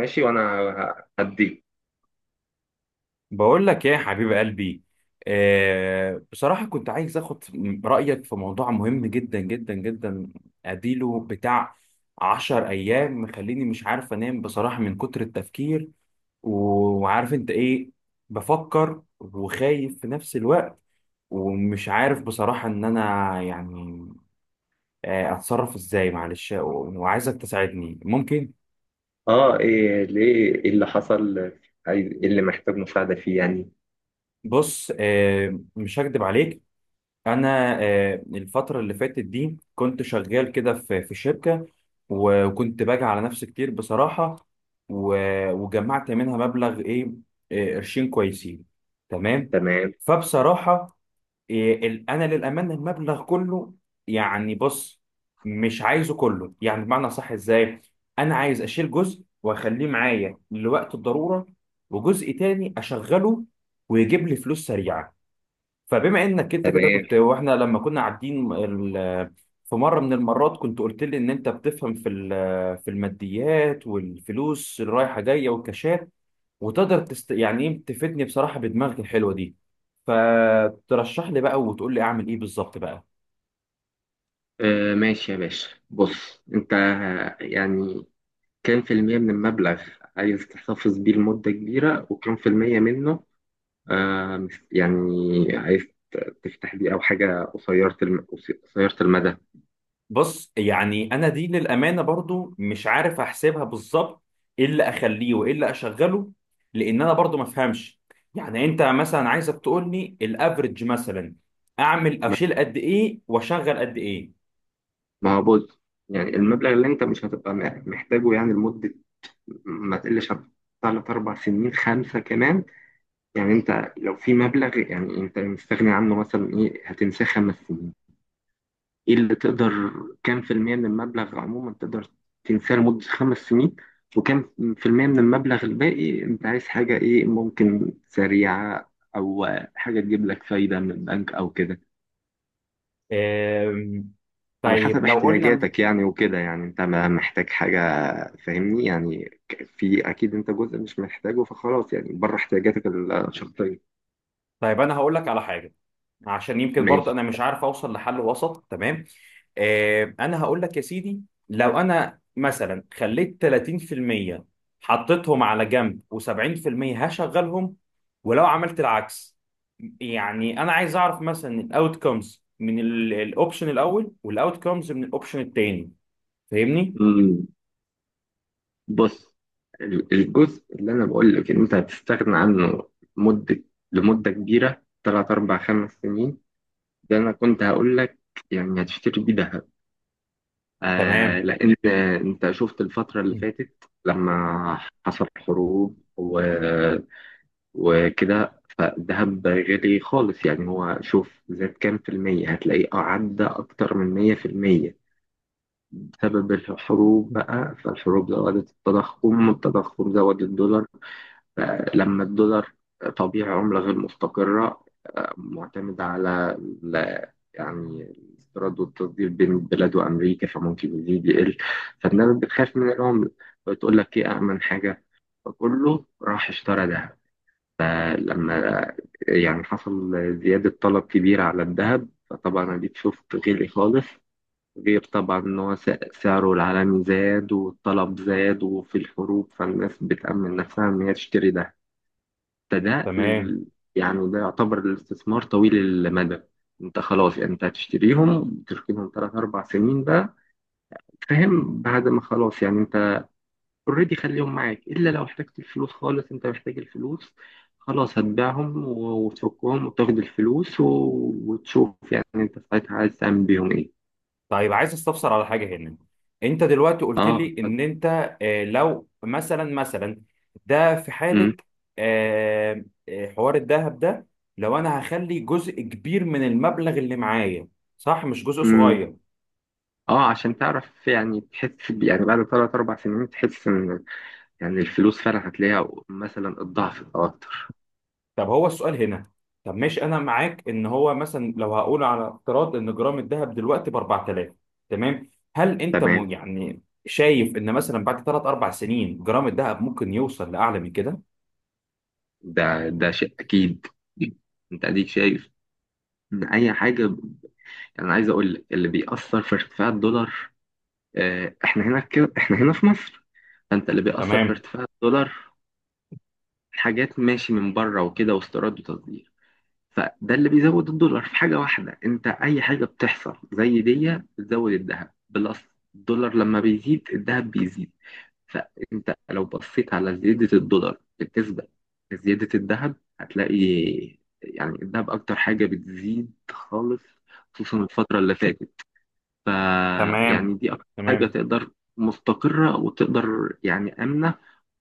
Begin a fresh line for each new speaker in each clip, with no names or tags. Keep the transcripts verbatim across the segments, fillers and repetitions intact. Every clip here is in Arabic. ماشي. وانا ه- هديك
بقول لك ايه يا حبيب قلبي. آه، بصراحة كنت عايز اخد رأيك في موضوع مهم جدا جدا جدا. اديله بتاع عشر ايام مخليني مش عارف انام بصراحة من كتر التفكير. و- وعارف انت ايه، بفكر وخايف في نفس الوقت، ومش عارف بصراحة ان انا يعني آه، اتصرف ازاي، معلش، و- وعايزك تساعدني ممكن.
اه، ايه؟ ليه؟ ايه اللي حصل؟ عايز ايه؟ اللي محتاج مساعدة فيه يعني.
بص، آه، مش هكدب عليك. انا آه، الفتره اللي فاتت دي كنت شغال كده في في شركه، و- وكنت باجي على نفسي كتير بصراحه، و- وجمعت منها مبلغ ايه، آه، قرشين كويسين. تمام.
تمام،
فبصراحه آه، ال- انا للامانه المبلغ كله، يعني بص، مش عايزه كله يعني، بمعنى صح ازاي. انا عايز اشيل جزء واخليه معايا لوقت الضروره، وجزء تاني اشغله ويجيب لي فلوس سريعه. فبما انك انت كده
تمام.
كنت، واحنا لما كنا قاعدين ال- في مره من المرات كنت قلت لي ان انت بتفهم في ال- في الماديات والفلوس اللي رايحه جايه والكاشات، وتقدر تست... يعني ايه، تفيدني بصراحه بدماغك الحلوه دي. فترشح لي بقى وتقول لي اعمل ايه بالظبط بقى.
آه، ماشي يا باشا. بص، انت ه- يعني كام في المية من المبلغ عايز تحتفظ بيه لمدة كبيرة، وكام في المية منه آه مس- يعني عايز ت- تفتح بيه او حاجة قصيرة الم... قصيرة المدى؟
بص يعني انا دي للامانه برضو مش عارف احسبها بالظبط، ايه اللي اخليه وايه اللي اشغله، لان انا برضو ما افهمش. يعني انت مثلا، عايزك تقول لي الافريج مثلا، اعمل
ما
اشيل قد ايه واشغل قد ايه.
ما هو بص، يعني المبلغ اللي انت مش هتبقى م- محتاجه يعني لمدة ما تقلش عن تلات أربع سنين، خمسة كمان. يعني انت لو في مبلغ يعني انت مستغني عنه مثلا، ايه هتنساه خمس سنين؟ ايه اللي تقدر؟ كام في المية من المبلغ عموما تقدر تنساه لمدة خمس سنين، وكام في المية من المبلغ الباقي انت عايز حاجة ايه؟ ممكن سريعة، او حاجة تجيب لك فايدة من البنك او كده،
أم،
على
طيب
حسب
لو قلنا،
احتياجاتك يعني. وكده يعني انت ما محتاج حاجة، فاهمني يعني ك- في اكيد انت جزء مش محتاجه فخلاص، يعني بره احتياجاتك الشخصية.
طيب انا هقول لك على حاجه عشان يمكن برضه
ماشي.
انا مش عارف اوصل لحل وسط. تمام. آه، انا هقول لك يا سيدي. لو انا مثلا خليت تلاتين في المية حطيتهم على جنب و70% هشغلهم، ولو عملت العكس، يعني انا عايز اعرف مثلا الاوت كومز من الاوبشن الاول والاوت كومز من الاوبشن التاني. فاهمني.
مم. بص، ال- الجزء اللي انا بقول لك ان انت هتستغنى عنه مده لمده كبيره، ثلاث اربع خمس سنين، ده انا كنت هقول لك يعني هتشتري بيه ذهب. آه،
تمام.
لان انت شفت الفتره اللي فاتت، لما حصل حروب و... وكده، فالذهب غالي خالص. يعني هو شوف زاد كام في المية، هتلاقيه عدى أكتر من مية في المية بسبب الحروب بقى. فالحروب زودت التضخم، والتضخم زود الدولار. لما الدولار طبيعي عملة غير مستقرة، آه، معتمدة على ال- يعني الاستيراد والتصدير بين البلاد وأمريكا، فممكن يزيد يقل. فالناس بتخاف من العملة، بتقول لك إيه أأمن حاجة، فكله راح اشترى ذهب. فلما يعني حصل زيادة طلب كبيرة على الذهب، فطبعا أديك شفت غلي خالص، غير طبعا إن هو س- سعره العالمي زاد والطلب زاد وفي الحروب، فالناس بتأمن نفسها إن هي تشتري ده. فده
تمام.
ال- يعني ده يعتبر الاستثمار طويل المدى. انت خلاص يعني انت هتشتريهم، تركنهم ثلاث اربع سنين بقى، فاهم؟ بعد ما خلاص يعني انت اوريدي خليهم معاك، الا لو احتجت الفلوس خالص، انت محتاج الفلوس خلاص، هتبيعهم و- وتفكهم وتاخد الفلوس و... وتشوف يعني انت ساعتها عايز تعمل بيهم ايه.
طيب عايز استفسر على حاجه هنا. انت دلوقتي قلت
اه،
لي
اتفضل.
ان انت، آه، لو مثلا مثلا، ده في
امم
حاله آه، آه، حوار الذهب ده، لو انا هخلي جزء كبير من المبلغ اللي معايا، صح، مش جزء
امم
صغير.
اه، عشان تعرف يعني تحس ب- يعني بعد ثلاث اربع سنين تحس ان يعني الفلوس فعلا هتلاقيها مثلا الضعف او اكتر.
طب هو السؤال هنا، طب ماشي انا معاك ان هو مثلا، لو هقول على افتراض ان جرام الذهب دلوقتي ب اربعة الاف، تمام، هل انت
تمام،
م- يعني شايف ان مثلا بعد ثلاثة اربع سنين جرام الذهب ممكن يوصل لاعلى من كده؟
ده ده شيء اكيد. انت اديك شايف ان اي حاجه يعني. انا عايز اقول لك اللي بيأثر في ارتفاع الدولار. آه، احنا هنا كده، احنا هنا في مصر. فانت اللي بيأثر في
تمام.
ارتفاع الدولار حاجات ماشي من بره وكده، واستيراد وتصدير. فده اللي بيزود الدولار. في حاجة واحدة، انت اي حاجة بتحصل زي دي بتزود الذهب بلس. الدولار لما بيزيد، الذهب بيزيد. فانت لو بصيت على زيادة الدولار بالنسبة لزيادة الذهب، هتلاقي يعني الذهب اكتر حاجة بتزيد خالص، خصوصا الفترة اللي فاتت. فيعني
تمام.
دي اكتر حاجة
تمام.
تقدر مستقرة وتقدر يعني آمنة،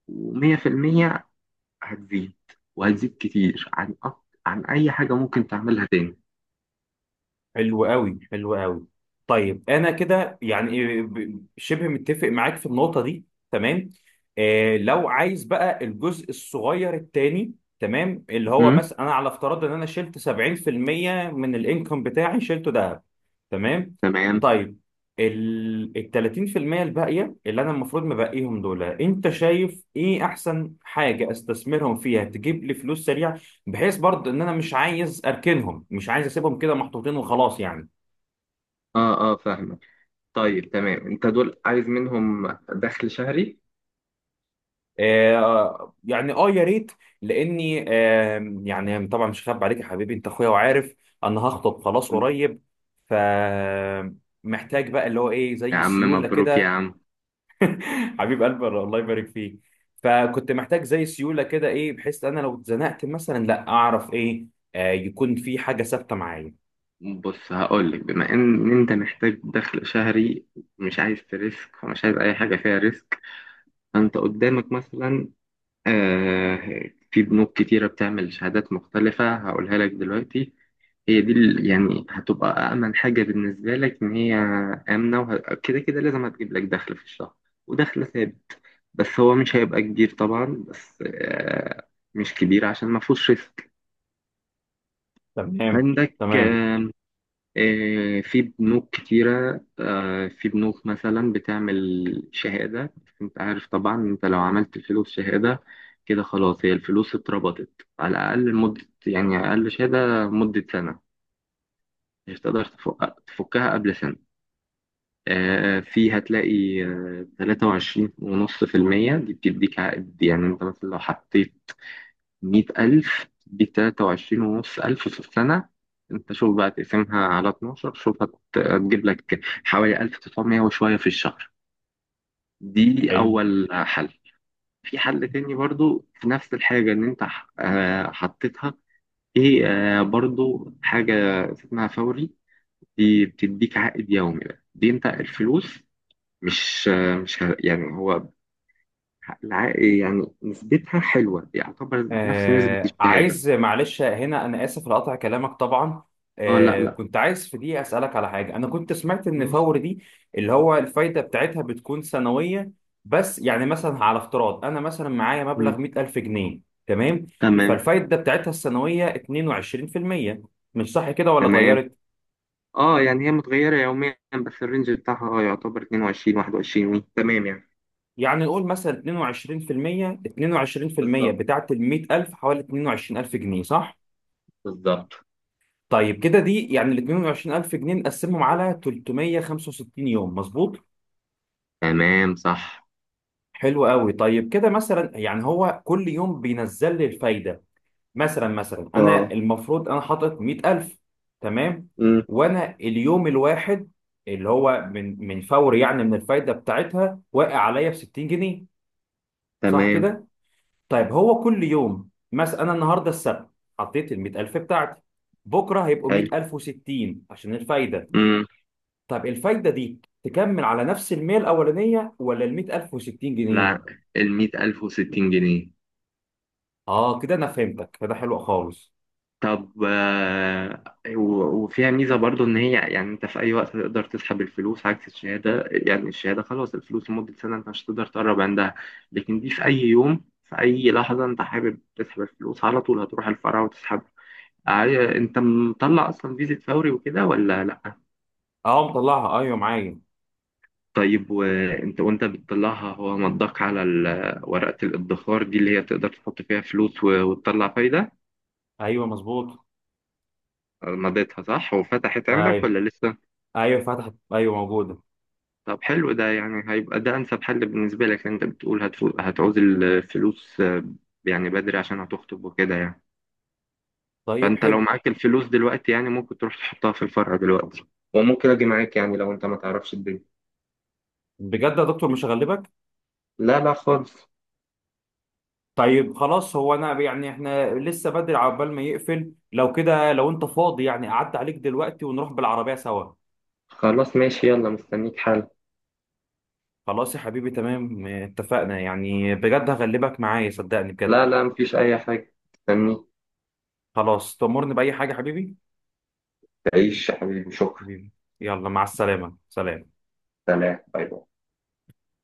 ومية في المية هتزيد، وهتزيد كتير عن أك- عن أي حاجة ممكن تعملها تاني.
حلو قوي، حلو قوي. طيب انا كده يعني إيه، ب- شبه متفق معاك في النقطه دي. تمام. آه، لو عايز بقى الجزء الصغير التاني، تمام، اللي هو
امم
مثلا انا على افتراض ان انا شلت سبعين في المية من الانكم بتاعي شلته ده. تمام.
تمام.
طيب ال ال تلاتين في المية الباقيه اللي انا المفروض مبقيهم دول، انت شايف ايه احسن حاجه استثمرهم فيها تجيب لي فلوس سريعه، بحيث برضه ان انا مش عايز اركنهم، مش عايز اسيبهم كده محطوطين وخلاص يعني.
اه، اه، فاهمك. طيب، تمام. انت دول عايز منهم دخل شهري؟
آه يعني، اه، يا ريت. لاني آه يعني طبعا مش خاب عليك يا حبيبي، انت اخويا وعارف، انا هخطب خلاص
مم.
قريب. ف محتاج بقى اللي هو ايه
يا
زي
عم
سيوله
مبروك يا
كده.
عم.
حبيب قلبي الله يبارك فيك. فكنت محتاج زي سيوله كده ايه، بحيث انا لو اتزنقت مثلا لا اعرف ايه، آه، يكون في حاجه ثابته معايا.
بص، هقول لك، بما ان انت محتاج دخل شهري، مش عايز تريسك، ومش عايز اي حاجه فيها ريسك، فانت قدامك مثلا، آه في بنوك كتيره بتعمل شهادات مختلفه هقولها لك دلوقتي. هي دي ال- يعني هتبقى أأمن حاجة بالنسبة لك، إن هي آمنة، وكده كده كده لازم هتجيب لك دخل في الشهر، ودخل ثابت. بس هو مش هيبقى كبير طبعا، بس آه، مش كبير عشان ما فيهوش ريسك.
تمام.
عندك
تمام.
آم، آه، في بنوك كتيرة، آه، في بنوك مثلا بتعمل شهادة. بس أنت عارف طبعا، أنت لو عملت فلوس شهادة كده خلاص، هي الفلوس اتربطت على الأقل مدة، يعني أقل شهادة مدة سنة، مش هتقدر تفك- تفكها قبل سنة. آه، فيه هتلاقي، آه، تلاتة وعشرين ونص في المية. دي بتديك عائد، يعني انت مثلا لو حطيت مية ألف، تديك تلاتة وعشرين ونص ألف في السنة. انت شوف بقى، تقسمها على اتناشر، شوف هت- هتجيب لك حوالي ألف تسعمية وشوية في الشهر. دي
حلو.
أول حل. في حل تاني برضو في نفس الحاجة إن أنت ح- آه، حطيتها إيه، آه، برضو حاجة اسمها فوري. دي بتديك عائد يومي بقى. دي أنت الفلوس مش مش ه- يعني هو الع- يعني نسبتها حلوة، يعتبر نفس نسبة
آه
الشهادة.
عايز، معلش هنا أنا آسف لقطع كلامك طبعا،
اه، لا
آه
لا.
كنت عايز في دي أسألك على حاجة. أنا كنت سمعت إن
مم.
فور دي اللي هو الفايدة بتاعتها بتكون سنوية. بس يعني مثلا على افتراض أنا مثلا معايا
مم.
مبلغ مئة الف جنيه. تمام.
تمام،
فالفايدة بتاعتها السنوية اتنين وعشرين في المية، مش صح كده ولا
تمام.
اتغيرت؟
اه، يعني هي متغيرة يوميا، بس الرينج بتاعها اه يعتبر اتنين وعشرين واحد وعشرين وي. تمام يعني.
يعني نقول مثلا اتنين وعشرين في المية، اتنين وعشرين في المية
بالظبط،
بتاعت ال مية الف حوالي اتنين وعشرين الف جنيه، صح؟
بالظبط.
طيب كده دي يعني ال اتنين وعشرين الف جنيه نقسمهم على تلتمية وخمسة وستين يوم، مظبوط.
تمام، صح.
حلو قوي. طيب كده مثلا يعني هو كل يوم بينزل لي الفايده. مثلا مثلا انا
اه.
المفروض انا حاطط مئة الف، تمام،
مم.
وانا اليوم الواحد اللي هو من من فور يعني من الفايده بتاعتها واقع عليا ب ستين جنيه، صح
تمام.
كده؟ طيب هو كل يوم مثلا، انا النهارده السبت حطيت ال مئة الف بتاعتي، بكره هيبقوا
حلو.
مئة الف وستين عشان الفايده.
مم.
طب الفايدة دي تكمل على نفس المية الأولانية ولا ال مية الف و60 جنيه؟
لا، ال مية ألف وستين جنيه.
اه كده أنا فهمتك، فده حلو خالص.
طب آه، و- وفيها ميزة برضو إن هي يعني أنت في أي وقت تقدر تسحب الفلوس، عكس الشهادة. يعني الشهادة خلاص الفلوس لمدة سنة، أنت مش هتقدر تقرب عندها. لكن دي في أي يوم، في أي لحظة أنت حابب تسحب الفلوس على طول، هتروح الفرع وتسحب. عاي- أنت مطلع أصلا فيزا فوري وكده ولا لأ؟
اه مطلعها، أيوه معايا.
طيب، وأنت وأنت بتطلعها هو مضاك على ال- ورقة الادخار دي اللي هي تقدر تحط فيها فلوس و- وتطلع فايدة؟
أيوه مظبوط.
آه، مضيتها صح وفتحت عندك
أيوه.
ولا لسه؟
أيوه فتحت، أيوه موجودة.
طب حلو، ده يعني هيبقى ده انسب حل بالنسبه لك، لأن انت بتقول هتفو- هتعوز الفلوس، آه، يعني بدري عشان هتخطب وكده يعني.
طيب
فانت لو
حلو.
معاك الفلوس دلوقتي، يعني ممكن تروح تحطها في الفرع دلوقتي، وممكن اجي معاك يعني لو انت ما تعرفش الدنيا.
بجد يا دكتور مش هغلبك؟
لا لا خالص.
طيب خلاص، هو أنا يعني إحنا لسه بدري عقبال ما يقفل، لو كده لو أنت فاضي يعني أعدي عليك دلوقتي ونروح بالعربية سوا.
خلاص ماشي، يلا مستنيك. حل.
خلاص يا حبيبي، تمام اتفقنا، يعني بجد هغلبك معايا، صدقني بجد.
لا لا، مفيش اي حاجه. مستنيك.
خلاص، تأمرني بأي حاجة يا حبيبي؟
تعيش يا حبيبي، شكرا.
حبيبي. يلا مع السلامة، سلام.
سلام، باي باي.